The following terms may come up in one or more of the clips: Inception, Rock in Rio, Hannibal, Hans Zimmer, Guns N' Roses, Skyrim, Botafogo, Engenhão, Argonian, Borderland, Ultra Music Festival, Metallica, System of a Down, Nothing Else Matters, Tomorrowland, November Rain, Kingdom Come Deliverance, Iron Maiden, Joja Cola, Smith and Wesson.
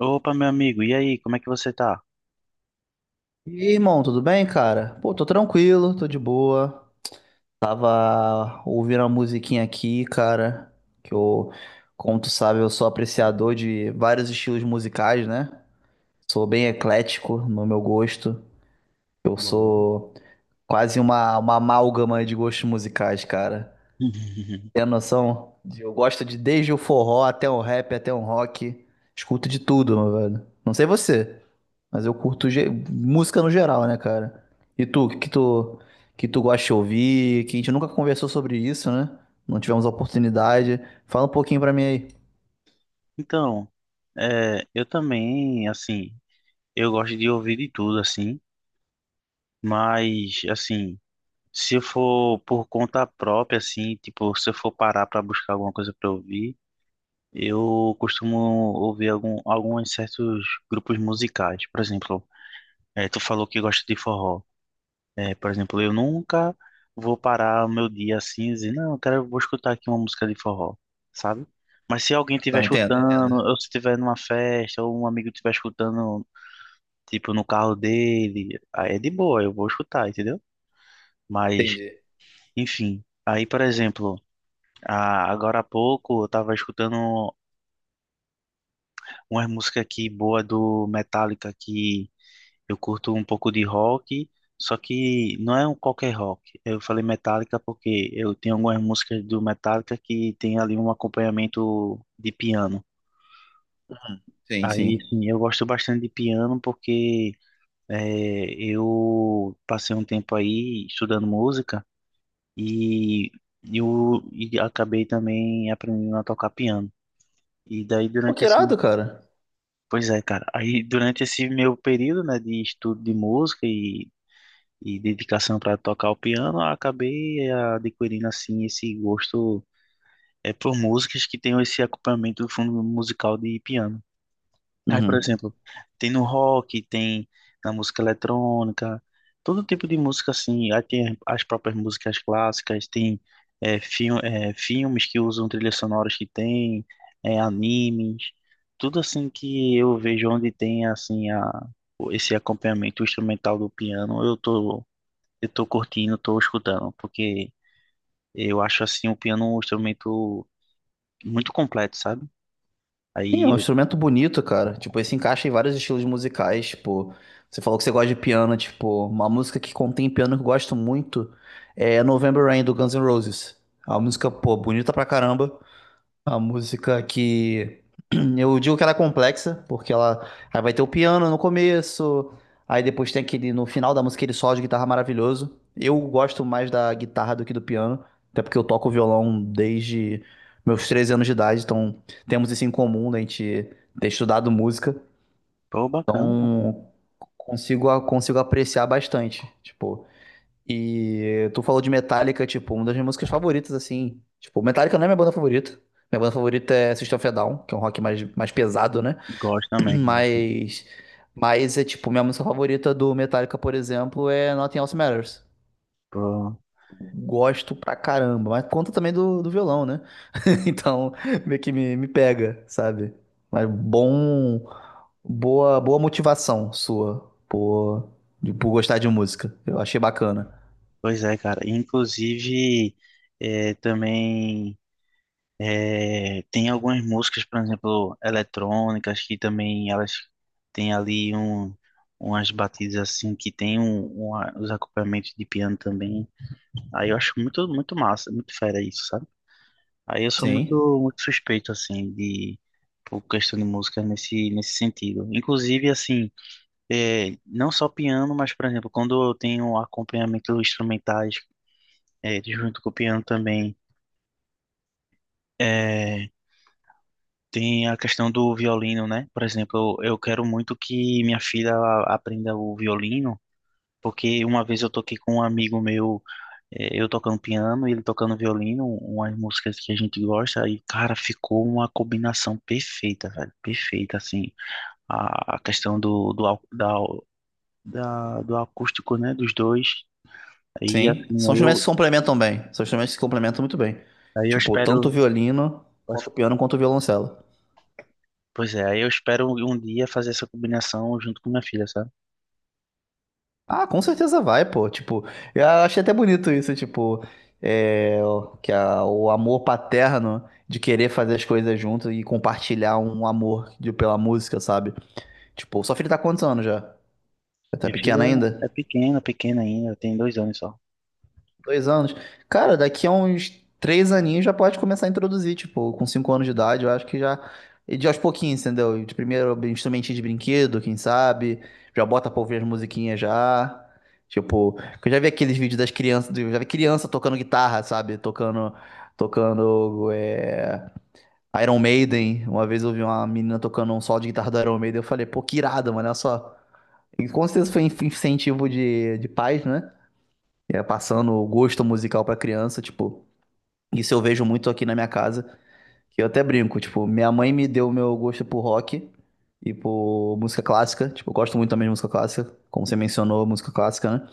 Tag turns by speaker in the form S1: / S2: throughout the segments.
S1: Opa, meu amigo, e aí, como é que você tá?
S2: E aí, irmão, tudo bem, cara? Pô, tô tranquilo, tô de boa. Tava ouvindo uma musiquinha aqui, cara, que eu, como tu sabe, eu sou apreciador de vários estilos musicais, né? Sou bem eclético no meu gosto. Eu sou quase uma amálgama de gostos musicais, cara. Tem a noção? Eu gosto de desde o forró até o rap, até o rock. Escuto de tudo, meu velho. Não sei você, mas eu curto música no geral, né, cara? E tu, que tu gosta de ouvir? Que a gente nunca conversou sobre isso, né? Não tivemos a oportunidade. Fala um pouquinho pra mim aí.
S1: Então, eu também, assim, eu gosto de ouvir de tudo, assim, mas, assim, se eu for por conta própria, assim, tipo, se eu for parar pra buscar alguma coisa pra ouvir, eu costumo ouvir alguns certos grupos musicais. Por exemplo, tu falou que gosta de forró. É, por exemplo, eu nunca vou parar o meu dia assim e dizer, não, vou escutar aqui uma música de forró, sabe? Mas se alguém estiver
S2: Não, entendo,
S1: escutando,
S2: entendo.
S1: ou se estiver numa festa, ou um amigo estiver escutando, tipo, no carro dele, aí é de boa, eu vou escutar, entendeu? Mas,
S2: Entendi.
S1: enfim. Aí, por exemplo, agora há pouco eu tava escutando umas músicas aqui boa do Metallica que eu curto um pouco de rock, só que não é um qualquer rock. Eu falei Metallica porque eu tenho algumas músicas do Metallica que tem ali um acompanhamento de piano.
S2: Sim,
S1: Aí,
S2: sim.
S1: sim, eu gosto bastante de piano porque eu passei um tempo aí estudando música e eu e acabei também aprendendo a tocar piano. E daí
S2: Pô,
S1: durante
S2: que irado, cara.
S1: pois é, cara, aí durante esse meu período, né, de estudo de música e dedicação para tocar o piano, eu acabei adquirindo assim esse gosto é por músicas que tenham esse acompanhamento do fundo musical de piano. Aí, por
S2: Uhum.
S1: exemplo, tem no rock, tem na música eletrônica, todo tipo de música assim. Aí tem as próprias músicas clássicas, tem filmes que usam trilhas sonoras que tem, é, animes, tudo assim que eu vejo onde tem assim a esse acompanhamento instrumental do piano, eu tô curtindo, tô escutando, porque eu acho assim o piano um instrumento muito completo, sabe?
S2: Sim, é
S1: Aí
S2: um
S1: eu,
S2: instrumento bonito, cara. Tipo, ele se encaixa em vários estilos musicais. Tipo, você falou que você gosta de piano. Tipo, uma música que contém piano que eu gosto muito é November Rain do Guns N' Roses. É uma música, pô, bonita pra caramba. A música que eu digo que ela é complexa, porque ela aí vai ter o piano no começo, aí depois tem aquele no final da música aquele solo de guitarra maravilhoso. Eu gosto mais da guitarra do que do piano, até porque eu toco violão desde meus 13 anos de idade, então temos isso em comum, né, a gente ter estudado música.
S1: pô, bacana, cara.
S2: Então, consigo apreciar bastante. Tipo, e tu falou de Metallica, tipo, uma das minhas músicas favoritas, assim. Tipo, Metallica não é minha banda favorita. Minha banda favorita é System of a Down, que é um rock mais pesado, né?
S1: Gosto também. Gosto.
S2: Mas, mas é tipo, minha música favorita do Metallica, por exemplo, é Nothing Else Matters.
S1: Pô,
S2: Gosto pra caramba, mas conta também do violão, né? Então, meio que me pega, sabe? Mas bom, boa motivação sua por gostar de música. Eu achei bacana.
S1: pois é, cara. Inclusive, é, também tem algumas músicas, por exemplo, eletrônicas, que também elas têm ali umas batidas assim que tem os acompanhamentos de piano também. Aí eu acho muito, muito massa, muito fera isso, sabe? Aí eu sou
S2: Sim.
S1: muito, muito suspeito, assim, de por questão de música nesse, nesse sentido. Inclusive, assim, é, não só piano, mas, por exemplo, quando eu tenho acompanhamento instrumentais, é, junto com o piano também, é, tem a questão do violino, né? Por exemplo, eu quero muito que minha filha ela aprenda o violino, porque uma vez eu toquei com um amigo meu eu tocando piano e ele tocando violino, umas músicas que a gente gosta, e, cara, ficou uma combinação perfeita, velho, perfeita, assim, a questão do, do, au- da, da- do acústico, né, dos dois, aí,
S2: Sim,
S1: assim,
S2: são instrumentos que se complementam bem. São instrumentos que se complementam muito bem.
S1: aí eu
S2: Tipo, tanto o
S1: espero,
S2: violino,
S1: pois
S2: quanto o piano, quanto o violoncelo.
S1: pois é, aí eu espero um dia fazer essa combinação junto com minha filha, sabe?
S2: Ah, com certeza vai, pô. Tipo, eu achei até bonito isso, tipo, é, que o amor paterno de querer fazer as coisas junto e compartilhar um amor pela música, sabe? Tipo, sua filha tá com quantos anos já? Tá
S1: Minha
S2: pequena
S1: filha é
S2: ainda?
S1: pequena, pequena ainda, tem dois anos só.
S2: Dois anos. Cara, daqui a uns três aninhos já pode começar a introduzir, tipo, com cinco anos de idade, eu acho que já. E de aos pouquinhos, entendeu? De primeiro instrumentinho de brinquedo, quem sabe? Já bota pra ouvir as musiquinhas já. Tipo, que eu já vi aqueles vídeos das crianças, eu já vi criança tocando guitarra, sabe? Tocando Iron Maiden. Uma vez eu vi uma menina tocando um solo de guitarra do Iron Maiden, eu falei, pô, que irado, mano, olha só. E com certeza foi incentivo de pais, né? É, passando o gosto musical pra criança, tipo, isso eu vejo muito aqui na minha casa, que eu até brinco, tipo, minha mãe me deu o meu gosto por rock e por música clássica, tipo, eu gosto muito também de música clássica, como você mencionou, música clássica, né?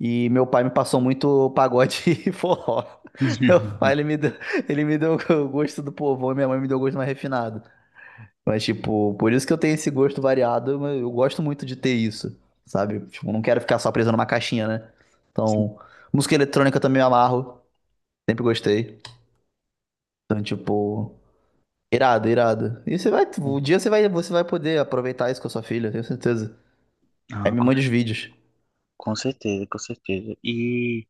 S2: E meu pai me passou muito pagode e forró. Meu pai, ele me deu o gosto do povão e minha mãe me deu o gosto mais refinado. Mas, tipo, por isso que eu tenho esse gosto variado, mas eu gosto muito de ter isso, sabe? Tipo, não quero ficar só preso numa caixinha, né?
S1: Sim.
S2: Então, música eletrônica também me amarro, sempre gostei. Então, tipo, irado, irado. E o dia você vai poder aproveitar isso com a sua filha, tenho certeza. Aí
S1: Ah,
S2: me mande os vídeos.
S1: com certeza, com certeza. E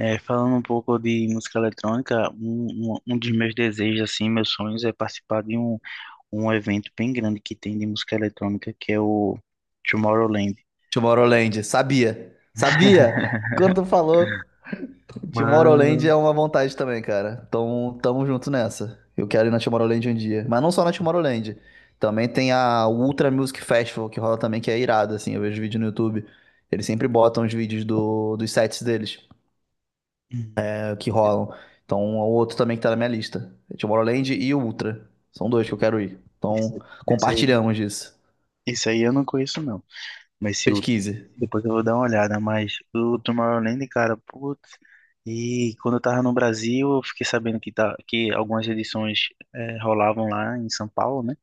S1: é, falando um pouco de música eletrônica, um dos meus desejos, assim, meus sonhos é participar de um, um evento bem grande que tem de música eletrônica, que é o Tomorrowland.
S2: Tomorrowland, sabia, sabia? Quando tu falou,
S1: Mas
S2: Tomorrowland é uma vontade também, cara. Então, tamo junto nessa. Eu quero ir na Tomorrowland um dia. Mas não só na Tomorrowland. Também tem a Ultra Music Festival, que rola também, que é irado, assim. Eu vejo vídeo no YouTube. Eles sempre botam os vídeos dos sets deles,
S1: hum,
S2: que rolam. Então, é o outro também que tá na minha lista. É Tomorrowland e o Ultra. São dois que eu quero ir. Então,
S1: isso, isso aí,
S2: compartilhamos disso.
S1: isso aí eu não conheço, não. Mas se o,
S2: Pesquise.
S1: Depois eu vou dar uma olhada. Mas o Tomorrowland, cara, putz. E quando eu tava no Brasil, eu fiquei sabendo que, tá, que algumas edições rolavam lá em São Paulo, né?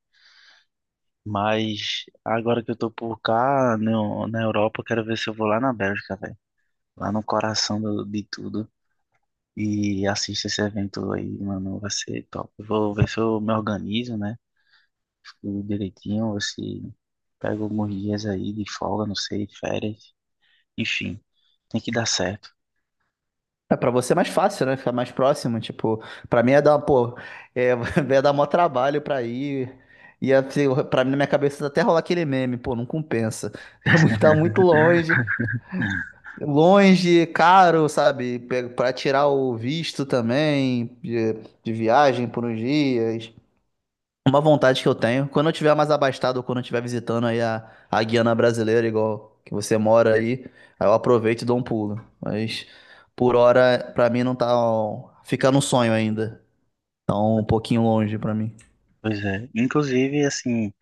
S1: Mas agora que eu tô por cá, na Europa, eu quero ver se eu vou lá na Bélgica, velho. Lá no coração de tudo. E assisto esse evento aí, mano. Vai ser top. Eu vou ver se eu me organizo, né? Tudo direitinho, ver se pego alguns dias aí de folga, não sei, férias. Enfim, tem que dar certo.
S2: É, pra você é mais fácil, né? Ficar mais próximo. Tipo, pra mim é dar, pô, é, ia dar mó trabalho pra ir. Pra mim, na minha cabeça, até rolar aquele meme, pô, não compensa. Tá muito longe, longe, caro, sabe? Pra tirar o visto também, de viagem por uns dias. Uma vontade que eu tenho, quando eu tiver mais abastado ou quando eu estiver visitando aí a Guiana brasileira, igual que você mora aí, aí eu aproveito e dou um pulo. Mas por hora, pra mim não tá, ó, fica no sonho ainda. Então, um pouquinho longe pra mim.
S1: Pois é. Inclusive, assim,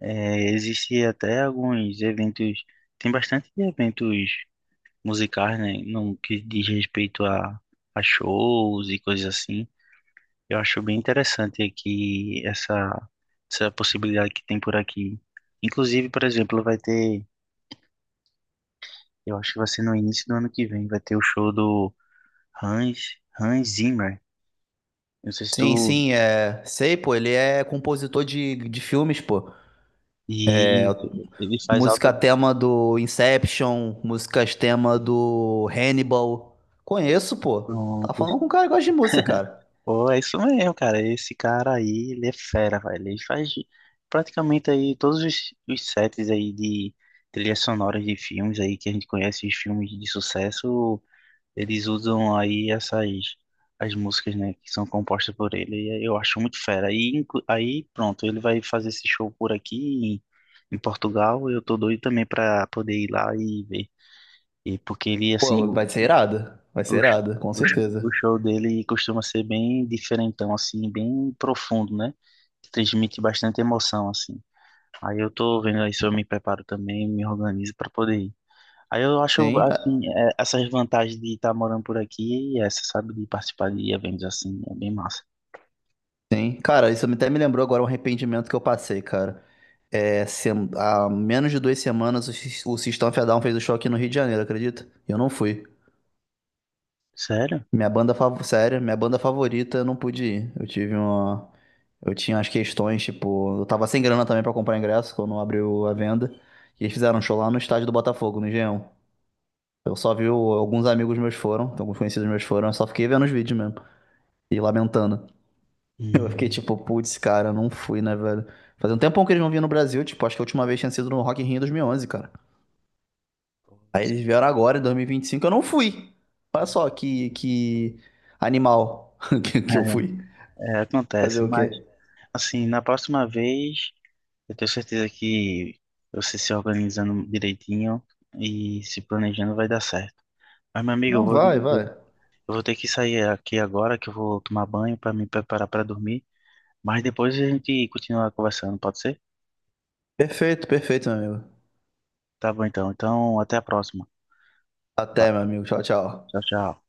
S1: é, existe até alguns eventos. Tem bastante eventos musicais, né? No que diz respeito a shows e coisas assim. Eu acho bem interessante aqui essa, essa possibilidade que tem por aqui. Inclusive, por exemplo, vai ter, eu acho que vai ser no início do ano que vem, vai ter o show do Hans Zimmer. Não sei se
S2: Sim,
S1: tu.
S2: sim, é, sei, pô, ele é compositor de filmes, pô.
S1: E ele faz
S2: Música
S1: alta.
S2: tema do Inception, músicas tema do Hannibal. Conheço, pô. Tá
S1: Pronto,
S2: falando com um cara que gosta de música, cara.
S1: pô, é isso mesmo, cara. Esse cara aí, ele é fera, velho. Ele faz praticamente aí todos os sets aí de trilhas sonoras de filmes aí que a gente conhece, os filmes de sucesso, eles usam aí essas as músicas, né, que são compostas por ele. E eu acho muito fera. E aí, pronto, ele vai fazer esse show por aqui em, em Portugal. Eu tô doido também pra poder ir lá e ver. E porque ele, assim,
S2: Pô, vai ser irado. Vai ser
S1: o, sh-
S2: irado, com
S1: o
S2: certeza.
S1: show dele costuma ser bem diferentão, assim, bem profundo, né? Transmite bastante emoção, assim. Aí eu tô vendo aí se eu me preparo também, me organizo pra poder ir. Aí eu acho,
S2: Sim, ah,
S1: assim, é, essas vantagens de estar morando por aqui e essa, sabe, de participar de eventos assim, é bem massa.
S2: sim. Cara, isso até me lembrou agora um arrependimento que eu passei, cara. Há menos de duas semanas o System of a Down fez o show aqui no Rio de Janeiro, acredita? E eu não fui.
S1: Sério?
S2: Minha banda favorita, sério, minha banda favorita, eu não pude ir. Eu tive uma. Eu tinha as questões, tipo, eu tava sem grana também pra comprar ingresso quando abriu a venda. E eles fizeram um show lá no estádio do Botafogo, no Engenhão. Eu só vi alguns amigos meus foram, alguns conhecidos meus foram, eu só fiquei vendo os vídeos mesmo. E lamentando. Eu fiquei
S1: Hum.
S2: tipo, putz, cara, eu não fui, né, velho? Fazia um tempão que eles não vinham no Brasil, tipo, acho que a última vez tinha sido no Rock in Rio em 2011, cara. Aí eles vieram agora, em 2025, eu não fui. Olha só que animal que eu
S1: É,
S2: fui.
S1: é,
S2: Fazer
S1: acontece,
S2: o
S1: mas,
S2: quê?
S1: assim, na próxima vez, eu tenho certeza que você se organizando direitinho e se planejando vai dar certo. Mas, meu amigo, eu
S2: Não,
S1: vou lhe
S2: vai,
S1: dizer.
S2: vai.
S1: Eu vou ter que sair aqui agora, que eu vou tomar banho para me preparar para dormir. Mas depois a gente continua conversando, pode ser?
S2: Perfeito, perfeito, meu amigo.
S1: Tá bom, então. Então, até a próxima. Vai.
S2: Até, meu amigo. Tchau, tchau.
S1: Tchau, tchau.